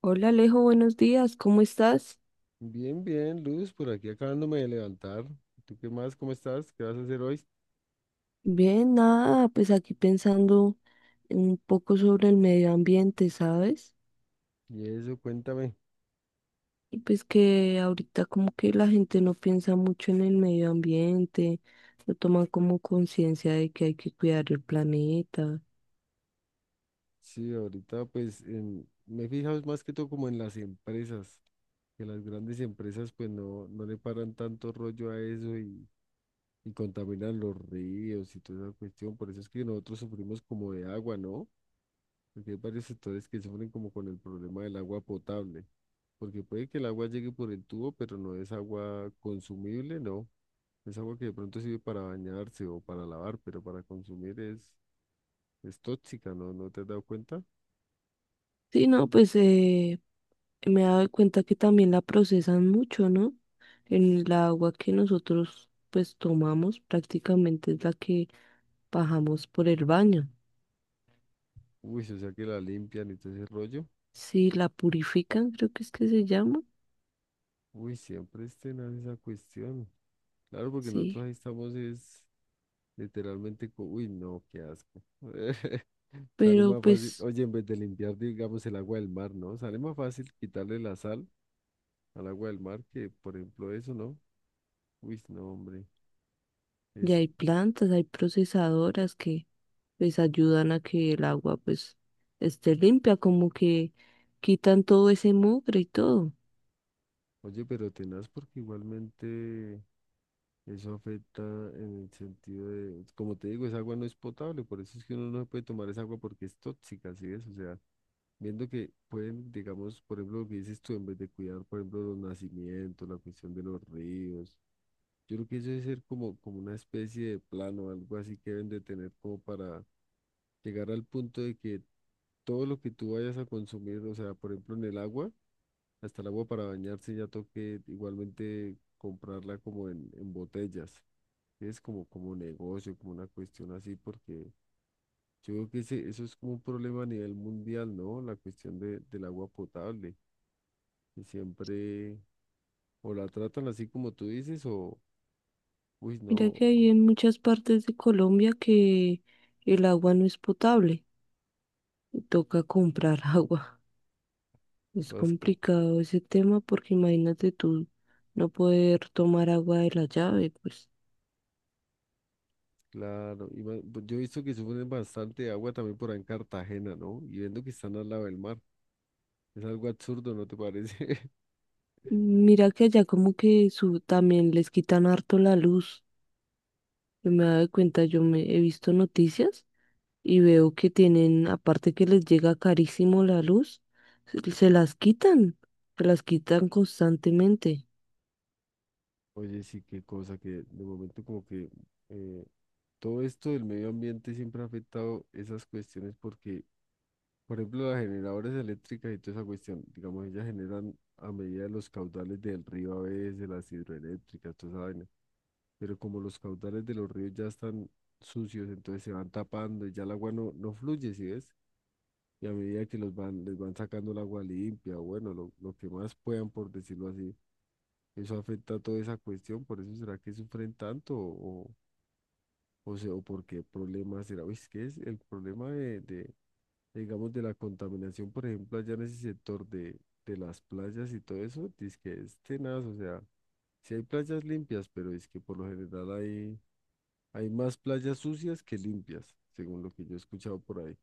Hola Alejo, buenos días, ¿cómo estás? Bien, bien, Luz, por aquí acabándome de levantar. ¿Tú qué más? ¿Cómo estás? ¿Qué vas a hacer hoy? Bien, nada, pues aquí pensando un poco sobre el medio ambiente, ¿sabes? Y eso, cuéntame. Y pues que ahorita como que la gente no piensa mucho en el medio ambiente, no toman como conciencia de que hay que cuidar el planeta. Sí, ahorita pues me he fijado más que todo como en las empresas, que las grandes empresas pues no, no le paran tanto rollo a eso y contaminan los ríos y toda esa cuestión. Por eso es que nosotros sufrimos como de agua, ¿no? Porque hay varios sectores que sufren como con el problema del agua potable, porque puede que el agua llegue por el tubo, pero no es agua consumible, ¿no? Es agua que de pronto sirve para bañarse o para lavar, pero para consumir es tóxica, ¿no? ¿No te has dado cuenta? Sí, no, pues me he dado cuenta que también la procesan mucho, ¿no? En el agua que nosotros pues tomamos prácticamente es la que bajamos por el baño. Uy, o sea que la limpian y todo ese rollo. Sí, la purifican, creo que es que se llama. Uy, siempre es tenaz esa cuestión. Claro, porque Sí, nosotros ahí estamos es literalmente, uy, no, qué asco. Sale pero más fácil, pues oye, en vez de limpiar, digamos, el agua del mar, ¿no? Sale más fácil quitarle la sal al agua del mar que, por ejemplo, eso, ¿no? Uy, no, hombre. ya Es, hay plantas, hay procesadoras que pues ayudan a que el agua pues esté limpia, como que quitan todo ese mugre y todo. oye, pero tenaz porque igualmente... Eso afecta en el sentido de, como te digo, esa agua no es potable, por eso es que uno no puede tomar esa agua porque es tóxica, ¿sí ves? O sea, viendo que pueden, digamos, por ejemplo, lo que dices tú, en vez de cuidar, por ejemplo, los nacimientos, la cuestión de los ríos, yo creo que eso debe ser como, como una especie de plano, algo así que deben de tener como para llegar al punto de que todo lo que tú vayas a consumir, o sea, por ejemplo, en el agua, hasta el agua para bañarse ya toque igualmente comprarla como en botellas. Es como, como negocio, como una cuestión así, porque yo creo que eso es como un problema a nivel mundial, ¿no? La cuestión del agua potable, que siempre o la tratan así como tú dices, o, uy, Mira que hay no, en muchas partes de Colombia que el agua no es potable y toca comprar agua. Es todas como, complicado ese tema porque imagínate tú no poder tomar agua de la llave, pues. claro. Y pues yo he visto que sufren bastante de agua también por ahí en Cartagena, ¿no? Y viendo que están al lado del mar. Es algo absurdo, ¿no te parece? Mira que allá como que su, también les quitan harto la luz. Yo me he dado cuenta, yo me he visto noticias y veo que tienen, aparte que les llega carísimo la luz, se las quitan, se las quitan constantemente. Oye, sí, qué cosa que de momento como que eh, todo esto del medio ambiente siempre ha afectado esas cuestiones porque por ejemplo, las generadoras eléctricas y toda esa cuestión, digamos, ellas generan a medida de los caudales del río a veces, de las hidroeléctricas, toda esa vaina. Pero como los caudales de los ríos ya están sucios, entonces se van tapando y ya el agua no, no fluye, ¿sí ves? Y a medida que los van, les van sacando el agua limpia, o bueno, lo que más puedan, por decirlo así, eso afecta a toda esa cuestión, por eso será que sufren tanto o sea, o por qué problema será. Uy, es que es el problema digamos, de la contaminación, por ejemplo, allá en ese sector de las playas y todo eso, dice que es tenaz, o sea, si hay playas limpias, pero es que por lo general hay, hay más playas sucias que limpias, según lo que yo he escuchado por ahí.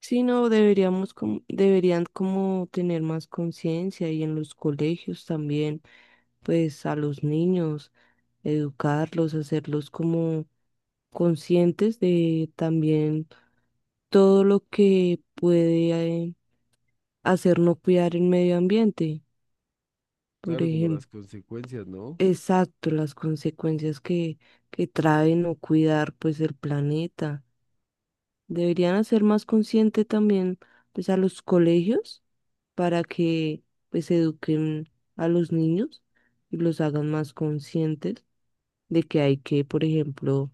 Sí, no, deberíamos como, deberían como tener más conciencia y en los colegios también, pues a los niños, educarlos, hacerlos como conscientes de también todo lo que puede hacer no cuidar el medio ambiente. Por Claro, como ejemplo, las consecuencias, ¿no? exacto, las consecuencias que trae no cuidar pues el planeta. Deberían hacer más consciente también pues a los colegios para que pues eduquen a los niños y los hagan más conscientes de que hay que, por ejemplo,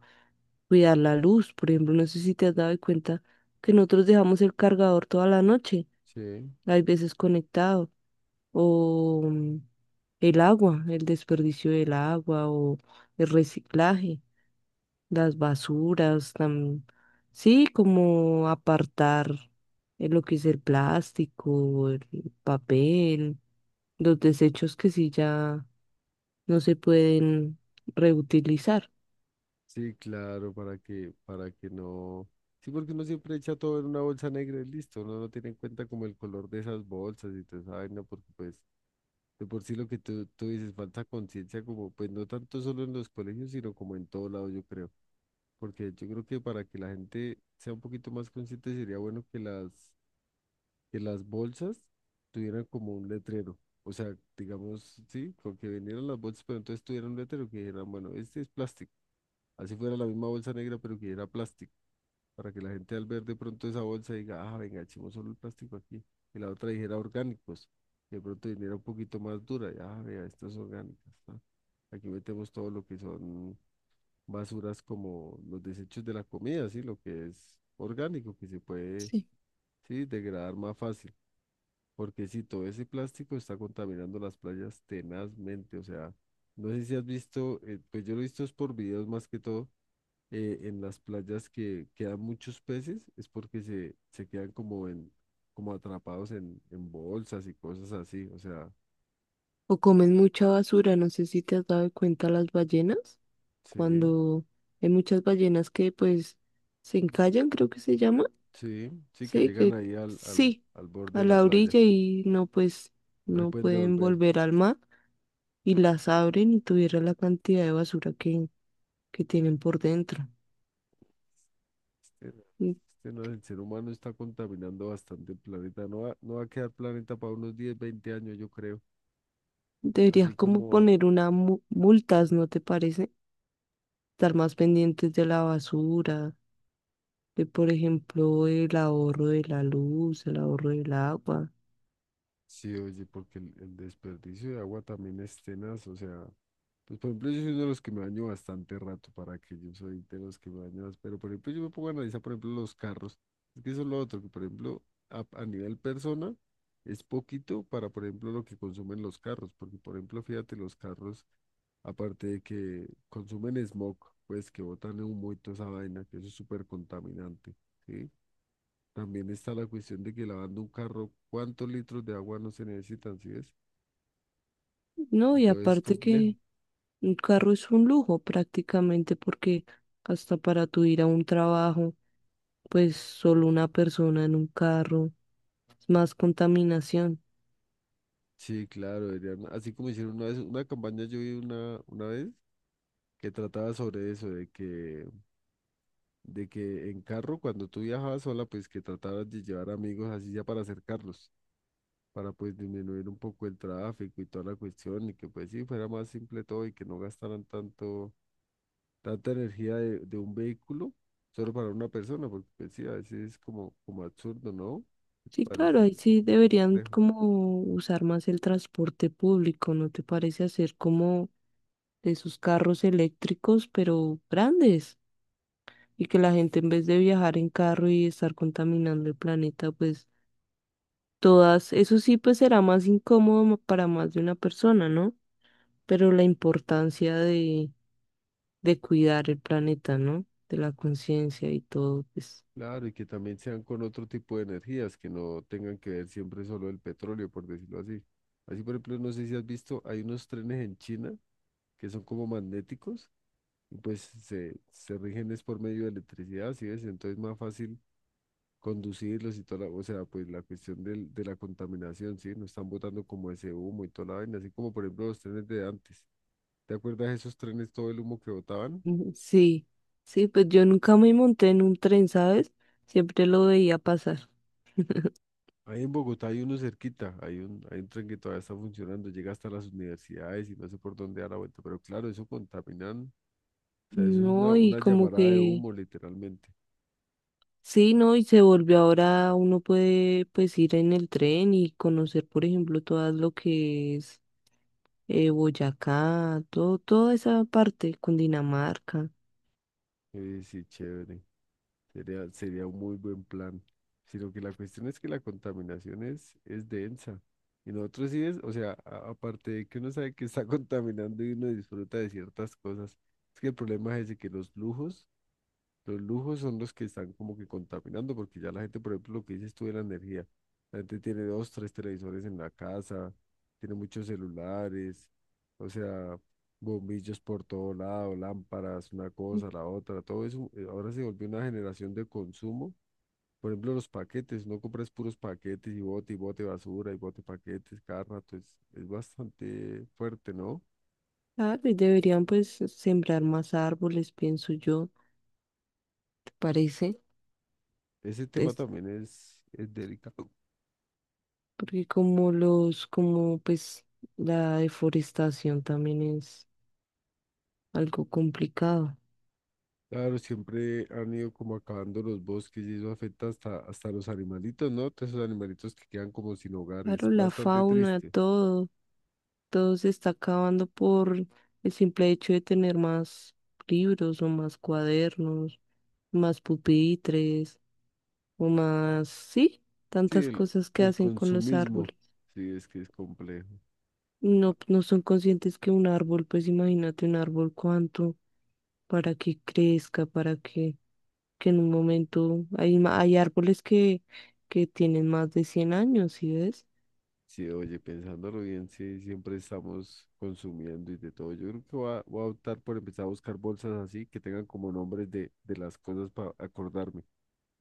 cuidar la luz. Por ejemplo, no sé si te has dado cuenta que nosotros dejamos el cargador toda la noche, Sí, hay veces conectado, o el agua, el desperdicio del agua o el reciclaje, las basuras, sí, como apartar lo que es el plástico, el papel, los desechos que sí ya no se pueden reutilizar. sí, claro, para que no. Sí, porque uno siempre echa todo en una bolsa negra y listo, uno no tiene en cuenta como el color de esas bolsas y toda esa vaina, porque pues de por sí lo que tú dices, falta conciencia como, pues no tanto solo en los colegios, sino como en todo lado, yo creo. Porque yo creo que para que la gente sea un poquito más consciente sería bueno que que las bolsas tuvieran como un letrero. O sea, digamos, sí, con que vendieran las bolsas, pero entonces tuvieran un letrero que dijeran, bueno, este es plástico. Así fuera la misma bolsa negra, pero que era plástico para que la gente al ver de pronto esa bolsa diga, ah, venga, echemos solo el plástico aquí. Y la otra dijera orgánicos, y de pronto viniera un poquito más dura, y, ah, vea, estas orgánicas, ¿no? Aquí metemos todo lo que son basuras como los desechos de la comida, ¿sí? Lo que es orgánico, que se puede, Sí. sí, degradar más fácil. Porque si todo ese plástico está contaminando las playas tenazmente, o sea, no sé si has visto, pues yo lo he visto es por videos más que todo, en las playas que quedan muchos peces es porque se quedan como en, como atrapados en bolsas y cosas así. O sea, O comen mucha basura, no sé si te has dado cuenta las ballenas, sí, cuando hay muchas ballenas que pues se encallan, creo que se llama. sí, sí, que Sí, llegan que ahí al, al, sí, al borde a de la la playa. orilla y no, pues No se no pueden pueden devolver. volver al mar y las abren y tuviera la cantidad de basura que tienen por dentro. Este- Y el ser humano está contaminando bastante el planeta. No va a quedar planeta para unos 10 20 años, yo creo. Deberían Así como como, poner una multas, ¿no te parece? Estar más pendientes de la basura, de por ejemplo el ahorro de la luz, el ahorro del agua. sí, oye, porque el desperdicio de agua también es tenaz, o sea. Pues por ejemplo, yo soy uno de los que me baño bastante rato, para que yo soy de los que me baño más, pero por ejemplo yo me pongo a analizar, por ejemplo, los carros. Es que eso es lo otro, que por ejemplo, a nivel persona, es poquito para, por ejemplo, lo que consumen los carros, porque por ejemplo, fíjate, los carros, aparte de que consumen smog, pues que botan humo y toda esa vaina, que eso es súper contaminante, ¿sí? También está la cuestión de que lavando un carro, ¿cuántos litros de agua no se necesitan, sí ves? No, y Entonces es aparte complejo. que un carro es un lujo prácticamente porque hasta para tu ir a un trabajo pues solo una persona en un carro, es más contaminación. Sí, claro, así como hicieron una vez, una campaña yo vi una vez que trataba sobre eso, de que en carro, cuando tú viajabas sola, pues que trataras de llevar amigos así ya para acercarlos, para pues disminuir un poco el tráfico y toda la cuestión, y que pues sí, fuera más simple todo y que no gastaran tanto, tanta energía de un vehículo solo para una persona, porque pues sí, a veces es como, como absurdo, ¿no? ¿Qué te Sí, claro, parece? ahí Es sí deberían complejo. como usar más el transporte público, ¿no te parece hacer como de esos carros eléctricos, pero grandes? Y que la gente en vez de viajar en carro y estar contaminando el planeta, pues todas, eso sí, pues será más incómodo para más de una persona, ¿no? Pero la importancia de cuidar el planeta, ¿no? De la conciencia y todo, pues. Claro, y que también sean con otro tipo de energías, que no tengan que ver siempre solo el petróleo, por decirlo así. Así, por ejemplo, no sé si has visto, hay unos trenes en China que son como magnéticos y pues se rigen es por medio de electricidad, ¿sí ves? Entonces más fácil conducirlos y toda la, o sea, pues la cuestión de la contaminación, ¿sí? No están botando como ese humo y toda la vaina, así como por ejemplo los trenes de antes. ¿Te acuerdas de esos trenes, todo el humo que botaban? Ujú, sí, sí, pues yo nunca me monté en un tren, ¿sabes? Siempre lo veía pasar. Ahí en Bogotá hay uno cerquita, hay un tren que todavía está funcionando, llega hasta las universidades y no sé por dónde da la vuelta, pero claro, eso contaminan, o sea, eso es No, y una como llamarada de que, humo literalmente. sí, no, y se volvió ahora, uno puede pues ir en el tren y conocer, por ejemplo, todas lo que es Boyacá, todo, toda esa parte, Cundinamarca. Sí, chévere, sería un muy buen plan, sino que la cuestión es que la contaminación es densa. Y nosotros sí es, o sea, aparte de que uno sabe que está contaminando y uno disfruta de ciertas cosas, es que el problema es ese, que los lujos. Los lujos son los que están como que contaminando, porque ya la gente, por ejemplo, lo que dices tú de la energía, la gente tiene dos, tres televisores en la casa, tiene muchos celulares, o sea, bombillos por todo lado, lámparas, una cosa, la otra, todo eso. Ahora se volvió una generación de consumo. Por ejemplo, los paquetes, no compras puros paquetes y bote basura y bote paquetes, cada rato, es bastante fuerte, ¿no? Claro, y deberían pues sembrar más árboles, pienso yo, ¿te parece? Ese tema Es también es delicado. porque como los, como pues la deforestación también es algo complicado. Claro, siempre han ido como acabando los bosques y eso afecta hasta, hasta los animalitos, ¿no? Todos esos animalitos que quedan como sin hogar, es Claro, la bastante fauna, triste. todo, todo se está acabando por el simple hecho de tener más libros o más cuadernos, más pupitres o más, sí, Sí, tantas cosas que el hacen con los consumismo, árboles. sí, es que es complejo. No, no son conscientes que un árbol, pues imagínate un árbol cuánto para que crezca, para que en un momento hay, hay árboles que tienen más de 100 años, ¿sí ves? Sí, oye, pensándolo bien, sí, siempre estamos consumiendo y de todo. Yo creo que voy a optar por empezar a buscar bolsas así que tengan como nombres de las cosas para acordarme.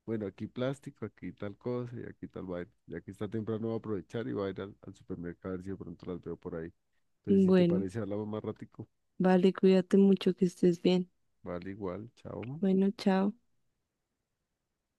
Bueno, aquí plástico, aquí tal cosa y aquí tal vaina. Ya que está temprano voy a aprovechar y voy a ir al supermercado a ver si de pronto las veo por ahí. Entonces, si te Bueno, parece, hablamos más ratico. vale, cuídate mucho, que estés bien. Vale, igual. Chao. Bueno, chao.